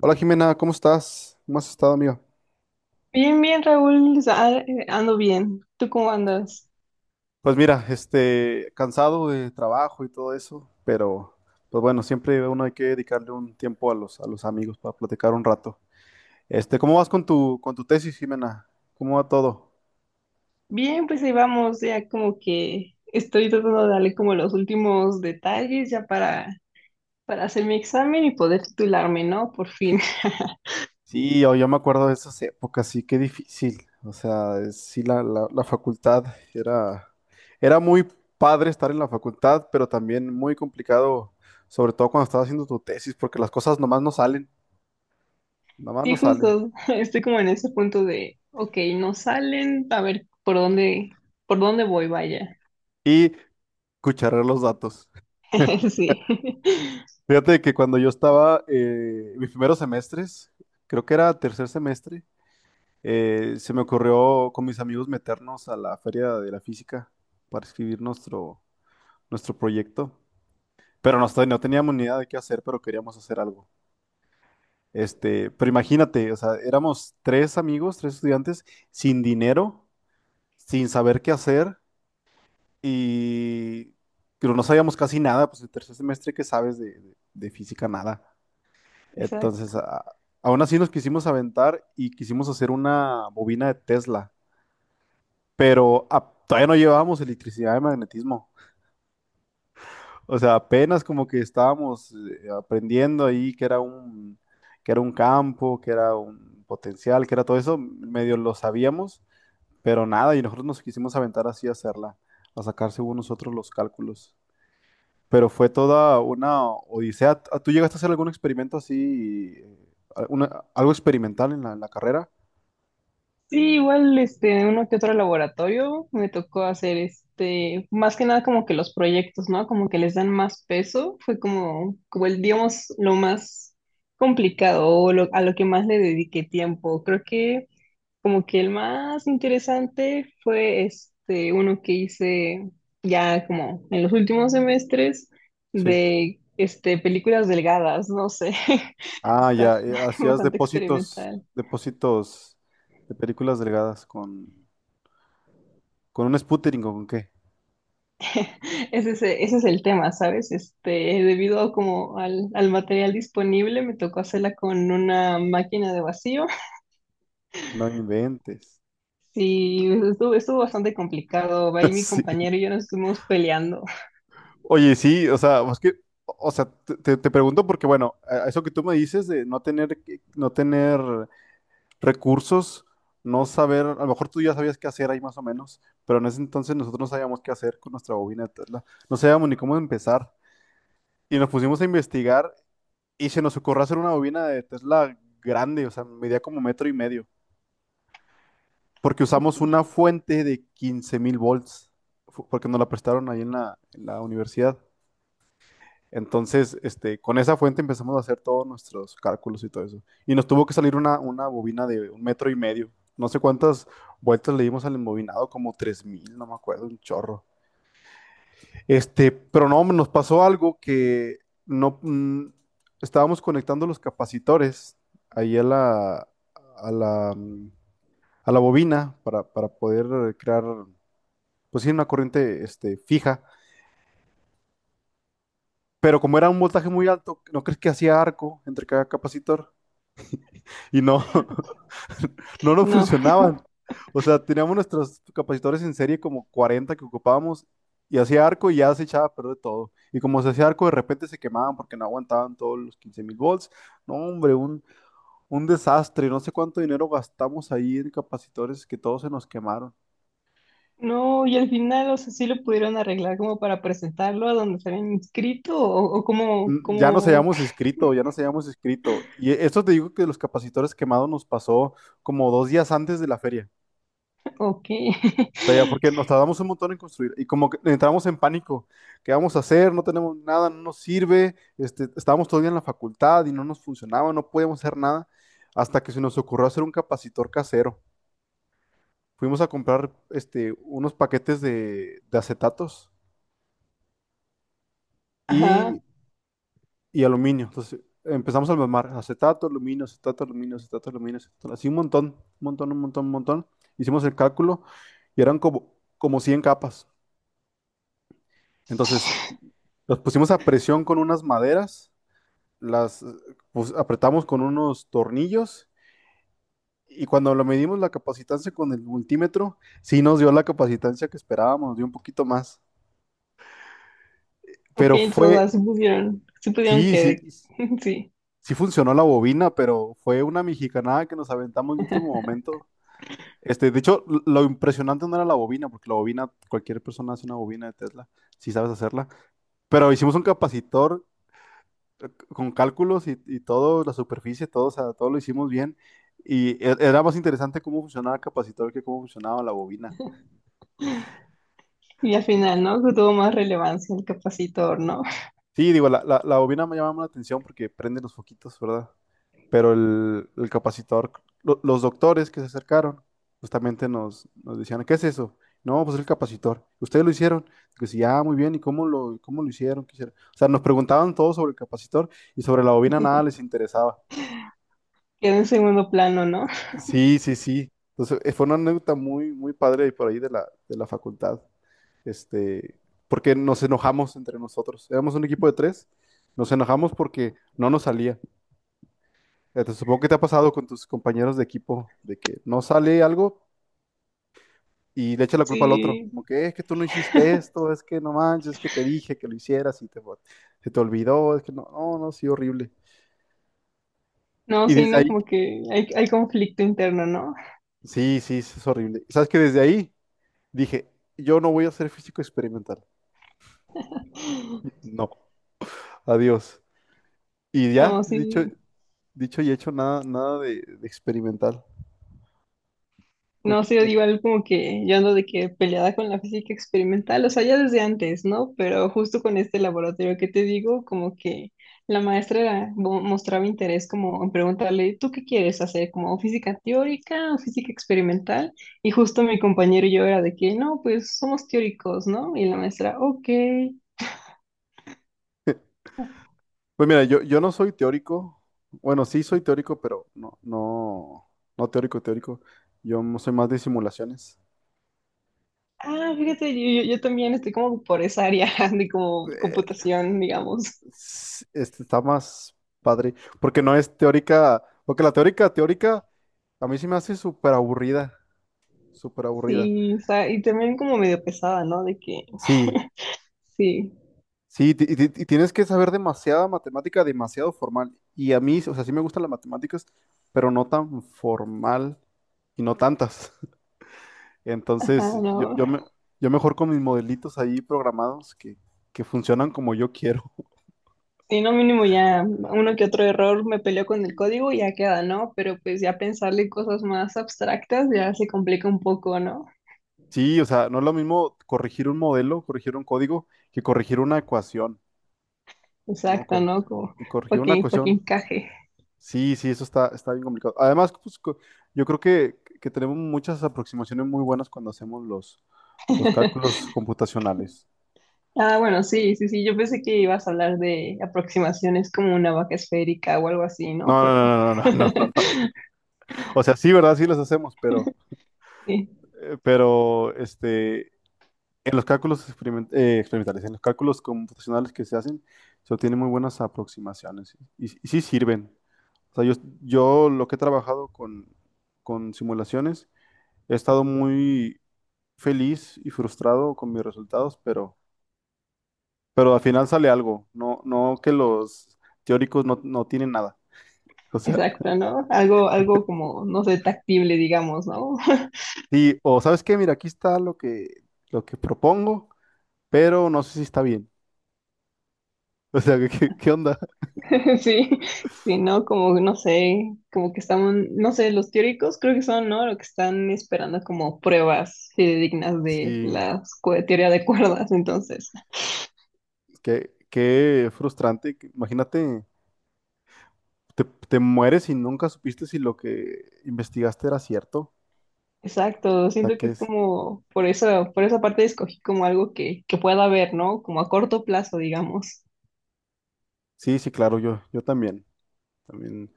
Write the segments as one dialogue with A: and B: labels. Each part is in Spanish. A: Hola Jimena, ¿cómo estás? ¿Cómo has estado, amigo?
B: Bien, bien, Raúl, o sea, ando bien. ¿Tú cómo andas?
A: Pues mira, cansado de trabajo y todo eso, pero pues bueno, siempre uno hay que dedicarle un tiempo a los amigos para platicar un rato. ¿Cómo vas con tu tesis, Jimena? ¿Cómo va todo?
B: Bien, pues ahí vamos, ya como que estoy tratando de darle como los últimos detalles ya para hacer mi examen y poder titularme, ¿no? Por fin.
A: Sí, yo me acuerdo de esas épocas, sí, qué difícil. O sea, sí, la facultad era, era muy padre estar en la facultad, pero también muy complicado, sobre todo cuando estás haciendo tu tesis, porque las cosas nomás no salen, nomás
B: Sí,
A: no salen.
B: justo, estoy como en ese punto de, ok, no salen, a ver por dónde voy, vaya.
A: Cucharar los datos.
B: Sí,
A: Fíjate que cuando yo estaba en mis primeros semestres, creo que era tercer semestre, se me ocurrió con mis amigos meternos a la feria de la física para escribir nuestro proyecto. Pero no, no teníamos ni idea de qué hacer, pero queríamos hacer algo. Pero imagínate, o sea, éramos tres amigos, tres estudiantes, sin dinero, sin saber qué hacer y pero no sabíamos casi nada, pues el tercer semestre que sabes de de física, nada.
B: exacto.
A: Entonces, aún así nos quisimos aventar y quisimos hacer una bobina de Tesla, pero todavía no llevábamos electricidad de magnetismo. O sea, apenas como que estábamos aprendiendo ahí que era un campo, que era un potencial, que era todo eso, medio lo sabíamos, pero nada, y nosotros nos quisimos aventar así a hacerla, a sacar según nosotros los cálculos. Pero fue toda una odisea. ¿Tú llegaste a hacer algún experimento así, algo experimental en la carrera?
B: Sí, igual este, uno que otro laboratorio me tocó hacer este, más que nada como que los proyectos, ¿no? Como que les dan más peso, fue como, como el, digamos, lo más complicado o lo- a lo que más le dediqué tiempo. Creo que como que el más interesante fue este, uno que hice ya como en los últimos semestres
A: Sí.
B: de este, películas delgadas, no sé,
A: Ah,
B: está
A: ya. Hacías
B: bastante experimental.
A: depósitos de películas delgadas con un sputtering o con qué.
B: Ese es el tema, ¿sabes? Este, debido a como al, al material disponible, me tocó hacerla con una máquina de vacío.
A: No inventes.
B: Sí, estuvo bastante complicado. Ahí mi
A: Sí.
B: compañero y yo nos estuvimos peleando.
A: Oye, sí, o sea, es que, o sea, te pregunto porque, bueno, eso que tú me dices de no tener, no tener recursos, no saber, a lo mejor tú ya sabías qué hacer ahí más o menos, pero en ese entonces nosotros no sabíamos qué hacer con nuestra bobina de Tesla. No sabíamos ni cómo empezar. Y nos pusimos a investigar. Y se nos ocurrió hacer una bobina de Tesla grande, o sea, medía como metro y medio, porque
B: Ok.
A: usamos una fuente de 15.000 volts, porque nos la prestaron ahí en la universidad. Entonces, con esa fuente empezamos a hacer todos nuestros cálculos y todo eso. Y nos tuvo que salir una bobina de un metro y medio. No sé cuántas vueltas le dimos al embobinado, como 3.000, no me acuerdo, un chorro. Pero no, nos pasó algo que no mm, estábamos conectando los capacitores ahí a a la, mm, a la bobina para poder crear, pues sí, una corriente fija. Pero como era un voltaje muy alto, ¿no crees que hacía arco entre cada capacitor? Y no, no nos
B: No,
A: funcionaban. O sea, teníamos nuestros capacitores en serie como 40 que ocupábamos y hacía arco y ya se echaba a perder todo. Y como se hacía arco, de repente se quemaban porque no aguantaban todos los 15.000 volts. No, hombre, un desastre. No sé cuánto dinero gastamos ahí en capacitores que todos se nos quemaron.
B: no, y al final, o sea, sí lo pudieron arreglar como para presentarlo a donde se habían inscrito o como,
A: Mm, ya nos
B: como,
A: habíamos inscrito, ya nos habíamos inscrito. Y esto te digo que los capacitores quemados nos pasó como dos días antes de la feria.
B: ok.
A: Sea, ya porque nos tardamos un montón en construir y como que entramos en pánico, ¿qué vamos a hacer? No tenemos nada, no nos sirve, estábamos todavía en la facultad y no nos funcionaba, no podíamos hacer nada, hasta que se nos ocurrió hacer un capacitor casero. Fuimos a comprar unos paquetes de acetatos y,
B: Ajá,
A: y aluminio. Entonces empezamos a armar acetato, aluminio, acetato, aluminio, acetato, aluminio, acetato, así un montón, un montón, un montón, un montón. Hicimos el cálculo y eran como 100 capas. Entonces, los pusimos a presión con unas maderas, las apretamos con unos tornillos y cuando lo medimos la capacitancia con el multímetro, sí nos dio la capacitancia que esperábamos, nos dio un poquito más.
B: ok,
A: Pero fue,
B: entonces se sea, sí pusieron, sí pudieron
A: sí, sí,
B: que, sí.
A: sí funcionó la bobina, pero fue una mexicanada que nos aventamos en el último momento. De hecho, lo impresionante no era la bobina, porque la bobina, cualquier persona hace una bobina de Tesla, si sabes hacerla. Pero hicimos un capacitor con cálculos y todo, la superficie, todo, o sea, todo lo hicimos bien. Y era más interesante cómo funcionaba el capacitor que cómo funcionaba la bobina.
B: Y al final, ¿no? Que tuvo más relevancia el capacitor, ¿no?
A: Sí, digo, la bobina me llamaba la atención porque prende los foquitos, ¿verdad? Pero el capacitor, los doctores que se acercaron, justamente nos decían, ¿qué es eso? No, pues el capacitor. ¿Ustedes lo hicieron? Que sí, ah, muy bien, ¿y cómo cómo lo hicieron? ¿Qué hicieron? O sea, nos preguntaban todo sobre el capacitor y sobre la bobina nada les interesaba.
B: Quedó en segundo plano, ¿no?
A: Sí, sí, sí. Entonces, fue una anécdota muy, muy padre por ahí de la facultad. Este, porque nos enojamos entre nosotros. Éramos un equipo de tres. Nos enojamos porque no nos salía. Te supongo que te ha pasado con tus compañeros de equipo, de que no sale algo y le echa la culpa al otro.
B: Sí,
A: Como que es que tú no hiciste esto, es que no manches, es que te dije que lo hicieras y te, se te olvidó, es que no, no, no, sí, horrible.
B: no,
A: Y
B: sí,
A: desde
B: ¿no?
A: ahí,
B: Como que hay conflicto interno, ¿no?
A: sí, sí, sí, es horrible. ¿Sabes que desde ahí dije, yo no voy a ser físico experimental. No. Adiós. Y ya,
B: No, sí.
A: dicho y hecho, nada, nada de experimental. Me-
B: No sé, yo
A: me-
B: digo algo como que yo ando de que peleada con la física experimental, o sea, ya desde antes, ¿no? Pero justo con este laboratorio que te digo, como que la maestra era- mo- mostraba interés como en preguntarle, ¿tú qué quieres hacer? ¿Como física teórica o física experimental? Y justo mi compañero y yo era de que, no, pues somos teóricos, ¿no? Y la maestra, ok.
A: Pues mira, yo no soy teórico. Bueno, sí soy teórico, pero no teórico, teórico. Soy más de simulaciones.
B: Ah, fíjate, yo también estoy como por esa área de como
A: Eh,
B: computación, digamos.
A: este está más padre, porque no es teórica, porque la teórica, teórica, a mí sí me hace súper aburrida, súper aburrida.
B: Sí, o sea, y también como medio pesada, ¿no? De que...
A: Sí,
B: Sí,
A: sí, tienes que saber demasiada matemática, demasiado formal. Y a mí, o sea, sí me gustan las matemáticas, pero no tan formal y no tantas.
B: ajá,
A: Entonces,
B: no.
A: yo mejor con mis modelitos ahí programados que funcionan como yo quiero.
B: Si no mínimo ya uno que otro error me peleó con el código y ya queda, ¿no? Pero pues ya pensarle cosas más abstractas ya se complica un poco, ¿no?
A: Sí, o sea, no es lo mismo corregir un modelo, corregir un código, que corregir una ecuación, ¿no?
B: Exacto, ¿no? Como
A: Y corregir
B: para
A: una
B: que, para que
A: ecuación.
B: encaje.
A: Sí, sí, eso está, está bien complicado. Además, pues, yo creo que tenemos muchas aproximaciones muy buenas cuando hacemos los cálculos computacionales.
B: Ah, bueno, sí, sí, sí, yo pensé que ibas a hablar de aproximaciones como una vaca esférica o algo así, ¿no?
A: No,
B: Pero
A: no, no, no, no, no, no, no. O sea, sí, ¿verdad? Sí los hacemos, pero,
B: sí,
A: eh, pero, este, en los cálculos experimentales, en los cálculos computacionales que se hacen, se obtienen muy buenas aproximaciones y sí sirven. O sea, yo lo que he trabajado con simulaciones, he estado muy feliz y frustrado con mis resultados, pero al final sale algo. No, no que los teóricos no, no tienen nada. O sea,
B: exacto, ¿no? Algo, algo como, no sé, tactible, digamos, ¿no?
A: sí, o ¿sabes qué? Mira, aquí está lo que propongo, pero no sé si está bien. O sea, ¿qué, qué onda?
B: Sí, sí, ¿no? Como, no sé, como que están, no sé, los teóricos creo que son, ¿no? Lo que están esperando como pruebas dignas de
A: Sí,
B: la escu- teoría de cuerdas, entonces.
A: qué, qué frustrante. Imagínate, te mueres y nunca supiste si lo que investigaste era cierto. O
B: Exacto,
A: sea,
B: siento
A: que
B: que es
A: es...
B: como, por eso, por esa parte escogí como algo que pueda ver, ¿no? Como a corto plazo, digamos,
A: Sí, sí, claro, yo también, también.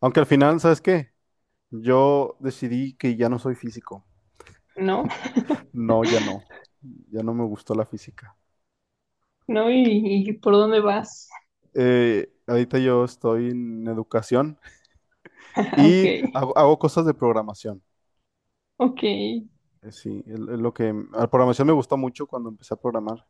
A: Aunque al final, ¿sabes qué? Yo decidí que ya no soy físico.
B: ¿no?
A: No, ya no. Ya no me gustó la física.
B: ¿No? Y por dónde vas?
A: Ahorita yo estoy en educación
B: Ok,
A: y hago cosas de programación.
B: ok.
A: Sí, es lo que la programación me gustó mucho cuando empecé a programar.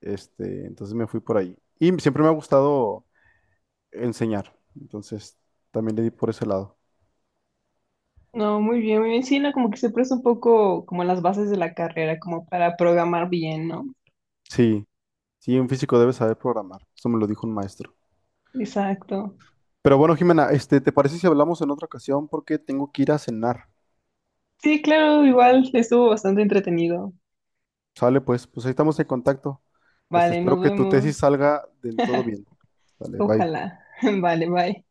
A: Entonces me fui por ahí. Y siempre me ha gustado enseñar. Entonces también le di por ese lado.
B: No, muy bien, muy bien. Sí, no, como que se presta un poco como las bases de la carrera, como para programar bien, ¿no?
A: Sí, sí, un físico debe saber programar. Eso me lo dijo un maestro.
B: Exacto.
A: Pero bueno, Jimena, ¿te parece si hablamos en otra ocasión? Porque tengo que ir a cenar.
B: Sí, claro, igual estuvo bastante entretenido.
A: Sale, pues, pues ahí estamos en contacto.
B: Vale,
A: Espero
B: nos
A: que tu tesis
B: vemos.
A: salga del todo bien. Dale, bye.
B: Ojalá. Vale, bye.